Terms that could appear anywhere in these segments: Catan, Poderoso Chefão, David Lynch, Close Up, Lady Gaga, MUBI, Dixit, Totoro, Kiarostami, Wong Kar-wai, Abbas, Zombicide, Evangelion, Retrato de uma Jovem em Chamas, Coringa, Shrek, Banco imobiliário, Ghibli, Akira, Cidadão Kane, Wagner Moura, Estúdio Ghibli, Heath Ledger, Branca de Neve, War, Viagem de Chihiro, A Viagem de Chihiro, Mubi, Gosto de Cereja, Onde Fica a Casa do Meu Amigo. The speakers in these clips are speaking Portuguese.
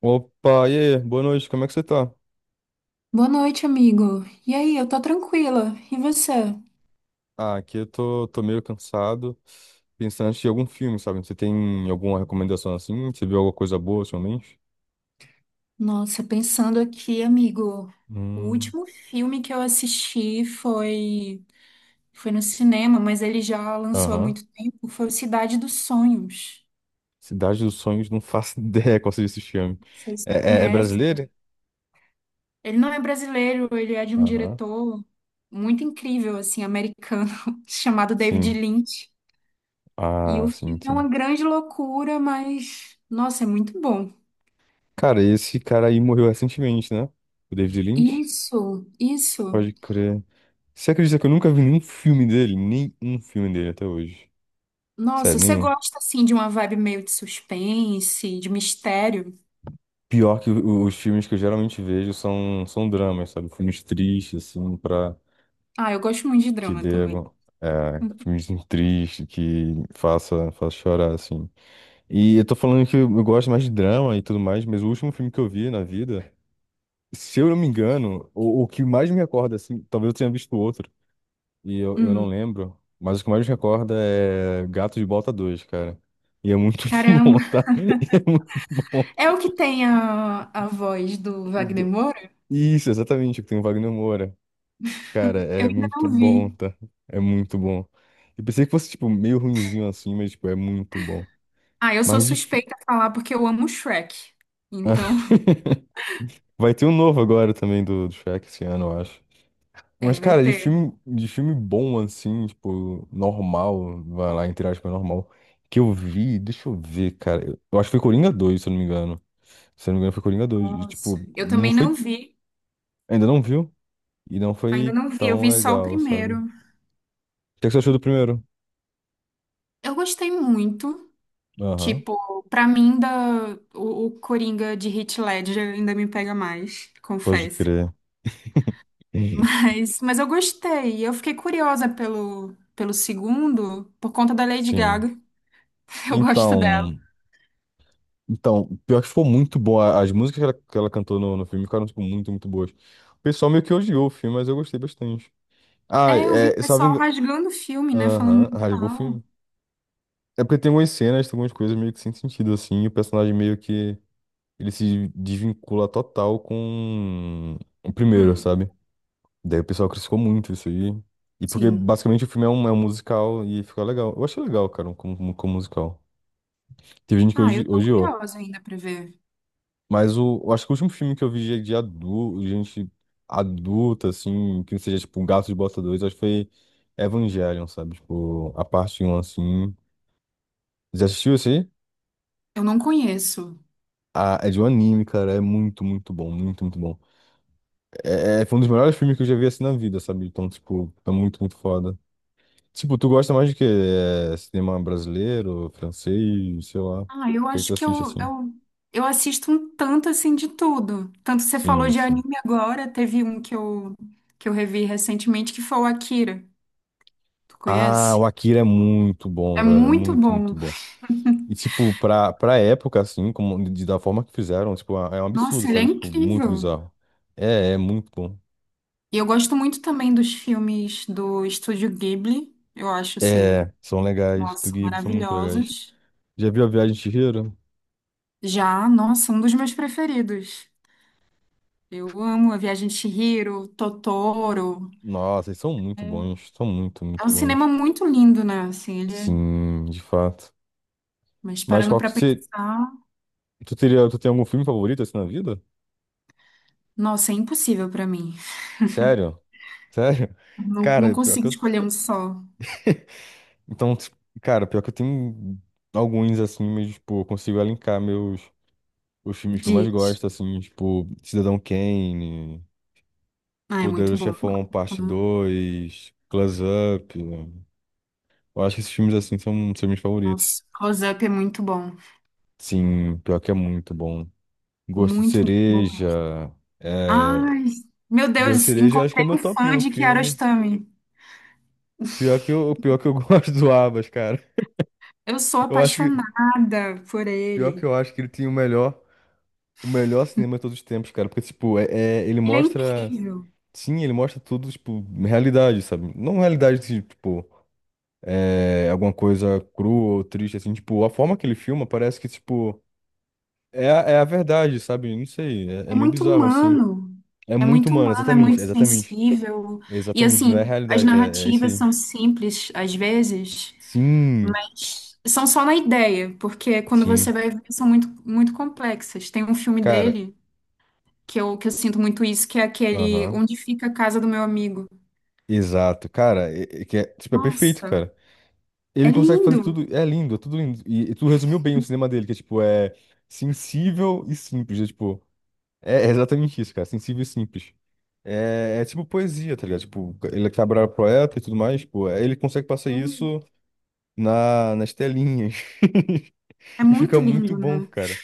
Opa, e aí? Boa noite, como é que você tá? Boa noite, amigo. E aí, eu tô tranquila. E você? Ah, aqui eu tô meio cansado, pensando em assistir algum filme, sabe? Você tem alguma recomendação assim? Você viu alguma coisa boa ultimamente? Nossa, pensando aqui, amigo, o Hum, último filme que eu assisti foi no cinema, mas ele já lançou há aham. muito tempo, foi o Cidade dos Sonhos. Cidade dos Sonhos, não faço ideia qual seja esse filme. Não sei se É, é conhece. brasileiro? Ele não é brasileiro, ele é de um Aham, diretor muito incrível, assim, americano, chamado David sim. Lynch. E Ah, o sim, filme é sim. uma grande loucura, mas, nossa, é muito bom. Cara, esse cara aí morreu recentemente, né? O David Lynch? Isso, isso. Pode crer. Você acredita que eu nunca vi nenhum filme dele? Nem um filme dele até hoje. Nossa, Sério, você nenhum. gosta assim de uma vibe meio de suspense, de mistério? Pior que os filmes que eu geralmente vejo são dramas, sabe? Filmes tristes, assim, pra Ah, eu gosto muito de que drama dê também. É, filmes tristes, que faça chorar, assim. E eu tô falando que eu gosto mais de drama e tudo mais, mas o último filme que eu vi na vida, se eu não me engano, o que mais me recorda, assim, talvez eu tenha visto outro, e eu não Hum, lembro, mas o que mais me recorda é Gato de Bota 2, cara. E é muito bom, caramba. tá? E é muito bom. É o que tem a voz do Wagner Do- Moura? Isso, exatamente, que tem o Wagner Moura. Cara, Eu é ainda muito não bom, vi. tá? É muito bom. Eu pensei que fosse, tipo, meio ruinzinho assim, mas, tipo, é muito bom. Ah, eu sou Mas difícil. suspeita a falar porque eu amo Shrek. Então, Vai ter um novo agora também do Shrek esse ano, eu acho. é, Mas, vai cara, de ter. filme, de filme bom, assim, tipo, normal, vai lá, entre aspas, normal, que eu vi, deixa eu ver, cara. Eu acho que foi Coringa dois se eu não me engano. Se eu não me engano, foi Coringa dois e, Nossa. tipo, Eu não também não foi. vi. Ainda não viu? E não Ainda foi não vi. Eu tão vi só o legal, sabe? primeiro. O que é que você achou do primeiro? Eu gostei muito. Aham, Tipo, pra mim, da, o Coringa de Heath Ledger ainda me pega mais, pode confesso. crer. Mas eu gostei. Eu fiquei curiosa pelo, pelo segundo, por conta da Lady Sim. Gaga. Eu gosto dela. Então, então, pior que ficou muito bom. As músicas que ela cantou no filme ficaram, tipo, muito, muito boas. O pessoal meio que odiou o filme, mas eu gostei bastante. Ah, É, eu vi o é, salvo pessoal engano. rasgando o filme, né? Falando Aham, muito rasgou o mal. filme. É porque tem algumas cenas, tem algumas coisas meio que sem sentido, assim, e o personagem meio que ele se desvincula total com o primeiro, Hum, sabe? Daí o pessoal criticou muito isso aí. E porque sim. basicamente o filme é um, musical e ficou legal. Eu achei legal, cara, como musical. Teve gente que Ah, eu tô odiou. curiosa ainda pra ver. Mas eu acho que o último filme que eu vi de adulto, gente adulta, assim, que seja tipo um Gato de Bota 2, acho que foi Evangelion, sabe? Tipo, a parte um assim. Já assistiu esse aí? Eu não conheço. Ah, é de um anime, cara. É muito, muito bom. Muito, muito bom. Foi um dos melhores filmes que eu já vi assim na vida, sabe? Então, tipo, é muito, muito foda. Tipo, tu gosta mais de quê? É, cinema brasileiro, francês, sei lá. O Ah, eu que é que tu acho que assiste eu, assim? eu, eu assisto um tanto assim de tudo. Tanto você falou Sim, de sim. anime agora, teve um que eu revi recentemente que foi o Akira. Tu Ah, conhece? o Akira é muito bom, É velho. É muito muito, muito bom. bom. E, tipo, pra época, assim, como, de, da forma que fizeram, tipo, é um absurdo, Nossa, ele é sabe? Tipo, muito incrível. bizarro. É muito bom. E eu gosto muito também dos filmes do Estúdio Ghibli. Eu acho, assim, É, são legais. Do nossa, Ghibli são muito legais. maravilhosos. Já viu a Viagem de Chihiro? Já, nossa, um dos meus preferidos. Eu amo A Viagem de Chihiro, Totoro. Nossa, eles são muito É bons. São muito, É muito um cinema bons. muito lindo, né? Assim, ele é... Sim, de fato. Mas Mas parando qual que pra você... pensar, Tu teria, tu tem algum filme favorito, assim, na vida? nossa, é impossível pra mim. Sério? Sério? Não, não Cara, pior consigo que eu... escolher um só. Então, tipo, cara, pior que eu tenho alguns, assim, mas, tipo, eu consigo elencar meus... Os filmes que eu mais Diz. gosto, assim, tipo, Cidadão Kane, Ah, é muito Poderoso bom. Chefão Parte Né? dois, Close Up. Eu acho que esses filmes, assim, são meus favoritos. Nossa, Close Up é muito bom. Sim, pior que é muito bom. Gosto de Muito, muito bom. Cereja. É... Ai, meu Gosto de Deus, Cereja, eu acho que é encontrei meu um top fã um de filme. Kiarostami. Pior que eu gosto do Abas, cara. Eu sou Eu acho que, apaixonada por pior que ele. eu acho que ele tem o melhor cinema de todos os tempos, cara. Porque, tipo, ele Ele é mostra. incrível. Sim, ele mostra tudo, tipo, realidade, sabe? Não realidade, assim, tipo. É, alguma coisa crua ou triste, assim, tipo, a forma que ele filma parece que, tipo, é, é a verdade, sabe? Não sei, é, É é meio muito bizarro, assim. humano. É É muito muito humano, humano, é exatamente, muito exatamente, sensível. E exatamente, não é assim, as realidade, é isso narrativas aí. são simples às vezes, Sim, mas são só na ideia, porque quando você sim, vai ver, são muito, muito complexas. Tem um filme cara, dele que eu sinto muito isso, que é aquele aham, Onde Fica a Casa do Meu Amigo. exato, cara, é que é, tipo, é perfeito, Nossa, cara. é Ele consegue fazer lindo. tudo, é lindo, é tudo lindo. E tu resumiu bem o cinema dele, que é, tipo, é sensível e simples, é, tipo... É exatamente isso, cara. Sensível e simples. É tipo poesia, tá ligado? Tipo, ele que era poeta e tudo mais, pô, ele consegue passar isso na, nas telinhas. É E muito fica muito lindo, bom, né? cara.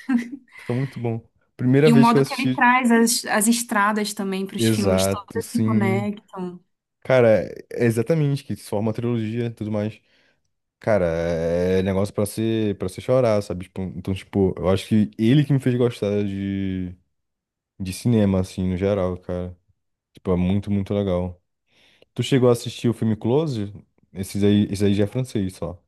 Fica muito bom. Primeira E o vez que eu modo que ele assisti. traz as, as estradas também para os filmes, Exato, todas se sim. conectam. Cara, é exatamente, que se forma uma trilogia e tudo mais. Cara, é negócio pra ser, pra você chorar, sabe? Tipo, então, tipo, eu acho que ele que me fez gostar de cinema, assim, no geral, cara. Tipo, é muito, muito legal. Tu chegou a assistir o filme Close? Esses aí, esse aí já é francês só.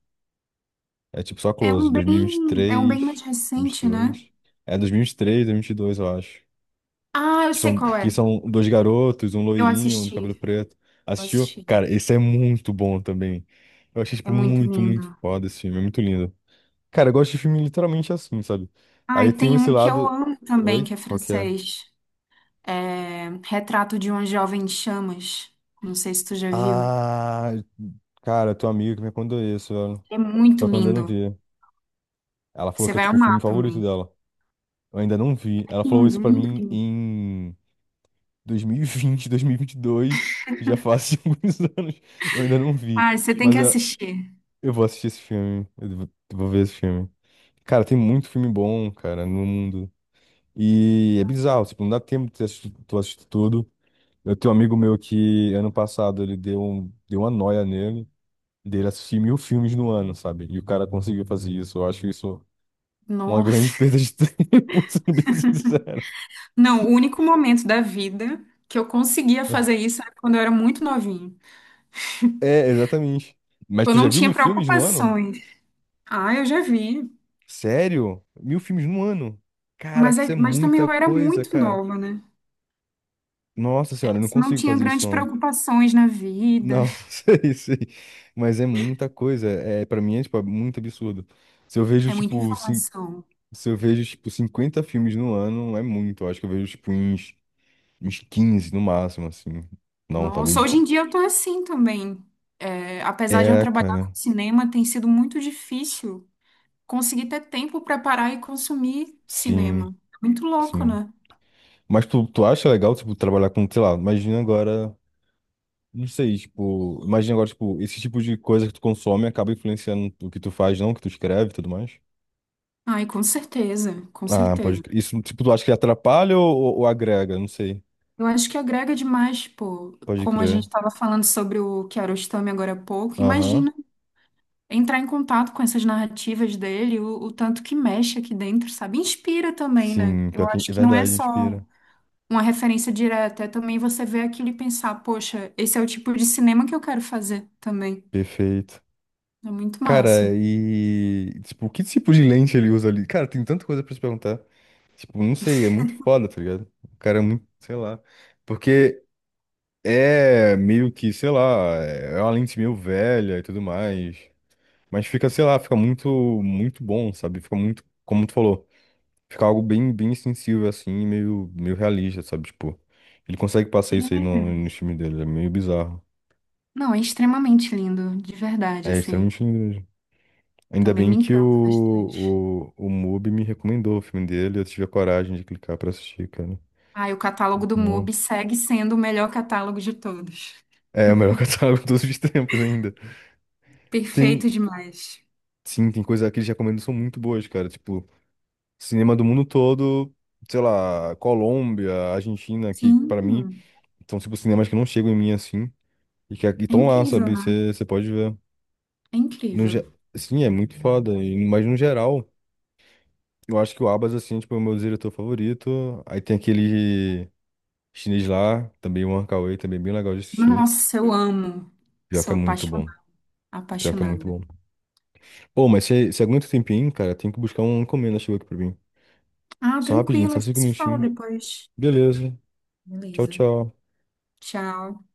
É tipo só Close, É um bem mais 2023, recente, né? 22. É 2023, 2022, eu acho. Ah, eu Que sei são, qual é. que são dois garotos, um Eu loirinho, um de assisti, cabelo preto. eu Assistiu? assisti. Cara, esse é muito bom também. Eu achei, É tipo, muito muito, muito lindo. foda esse filme. É muito lindo. Cara, eu gosto de filme literalmente assim, sabe? Aí Ah, eu e tenho tem esse um que eu lado. amo também, Oi? que é Qual que é? francês. É Retrato de uma Jovem em Chamas. Não sei se tu já viu. Ah, cara, tua amiga que me contou isso, velho. É muito Só que eu ainda não lindo. vi. Ela falou Você que é vai tipo o filme amar favorito também. dela. Eu ainda não vi. Ela falou Lindo, isso pra lindo, mim lindo. em dois dois mil mil e vinte, 2022. Já faz alguns anos. Eu ainda não vi. Ah, você tem Mas que é, assistir. eu, vou assistir esse filme. Eu vou ver esse filme. Cara, tem muito filme bom, cara, no mundo. E é bizarro, tipo, não dá tempo de assistir, tu assistir tudo. Eu tenho um amigo meu que, ano passado, ele deu uma noia nele, dele assistir 1.000 filmes no ano, sabe? E o cara conseguiu fazer isso. Eu acho isso uma grande Nossa. perda de tempo, sendo bem sincero. Não, o único momento da vida que eu conseguia fazer isso era quando eu era muito novinha. É, exatamente. Mas Eu tu já não viu tinha 1.000 filmes no ano? preocupações. Ah, eu já vi. Sério? 1.000 filmes no ano? Mas, Caraca, isso é é- mas também muita eu era coisa, muito cara. nova, né? Nossa senhora, eu não Isso não consigo tinha fazer isso, grandes não. preocupações na vida. Não, sei, sei. Mas é muita coisa. É, para mim é, tipo, muito absurdo. Se eu vejo, É muita tipo, cin- informação. Se eu vejo, tipo, 50 filmes no ano, é muito. Eu acho que eu vejo, tipo, uns 15 no máximo, assim. Não, talvez. Nossa, hoje Tipo, em dia eu tô assim também. É, apesar de eu é, trabalhar com cara. cinema, tem sido muito difícil conseguir ter tempo para parar e consumir Sim, cinema. Muito louco, sim. né? Mas tu acha legal, tipo, trabalhar com, sei lá, imagina agora. Não sei, tipo, imagina agora, tipo, esse tipo de coisa que tu consome acaba influenciando o que tu faz, não, o que tu escreve e tudo mais. Ai, com certeza, com Ah, pode certeza. crer. Isso, tipo, tu acha que atrapalha ou, ou agrega? Não sei. Eu acho que agrega demais, pô. Pode Como a gente crer. estava falando sobre o Kiarostami agora há pouco, Aham. imagina entrar em contato com essas narrativas dele, o tanto que mexe aqui dentro, sabe? Inspira também, né? Sim, pior Eu que... acho é que não é verdade, só inspira. uma referência direta, é também você ver aquilo e pensar, poxa, esse é o tipo de cinema que eu quero fazer também. Perfeito. É muito Cara, massa. e, tipo, que tipo de lente ele usa ali? Cara, tem tanta coisa pra se perguntar. Tipo, não sei, é muito foda, tá ligado? O cara é muito, sei lá. Porque é meio que, sei lá, é uma lente meio velha e tudo mais. Mas fica, sei lá, fica muito, muito bom, sabe? Fica muito, como tu falou, fica algo bem, bem sensível, assim, e meio, meio realista, sabe? Tipo, ele consegue passar isso aí no, É. no filme dele, é meio bizarro. Não, é extremamente lindo, de verdade, É assim. extremamente lindo mesmo. Ainda Também bem me que encanta bastante. o Mubi me recomendou o filme dele, eu tive a coragem de clicar pra assistir, cara. Ah, e o catálogo do Não. MUBI segue sendo o melhor catálogo de todos. É o melhor catálogo de todos os tempos ainda. Tem, Perfeito demais. sim, tem coisa que eles recomendam que são muito boas, cara. Tipo, cinema do mundo todo, sei lá, Colômbia, Argentina, que Sim, pra mim são, tipo, cinemas que não chegam em mim assim. E que é estão lá, incrível, sabe? né? Você pode ver. É No, incrível. ge- sim, é muito foda. E, mas no geral, eu acho que o Abbas, assim, tipo, é tipo, o meu diretor favorito. Aí tem aquele chinês lá, também o Wong Kar-wai, também bem legal de assistir. Nossa, eu amo. Pior que é Sou muito apaixon- bom. Pior que é muito apaixonada. bom. Pô, mas se aguenta um tempinho, cara, tem que buscar uma encomenda, chegou aqui pra mim. Ah, Só rapidinho, tranquilo, só a gente cinco se fala minutinhos. depois. Beleza. Tchau, Beleza. tchau. Tchau.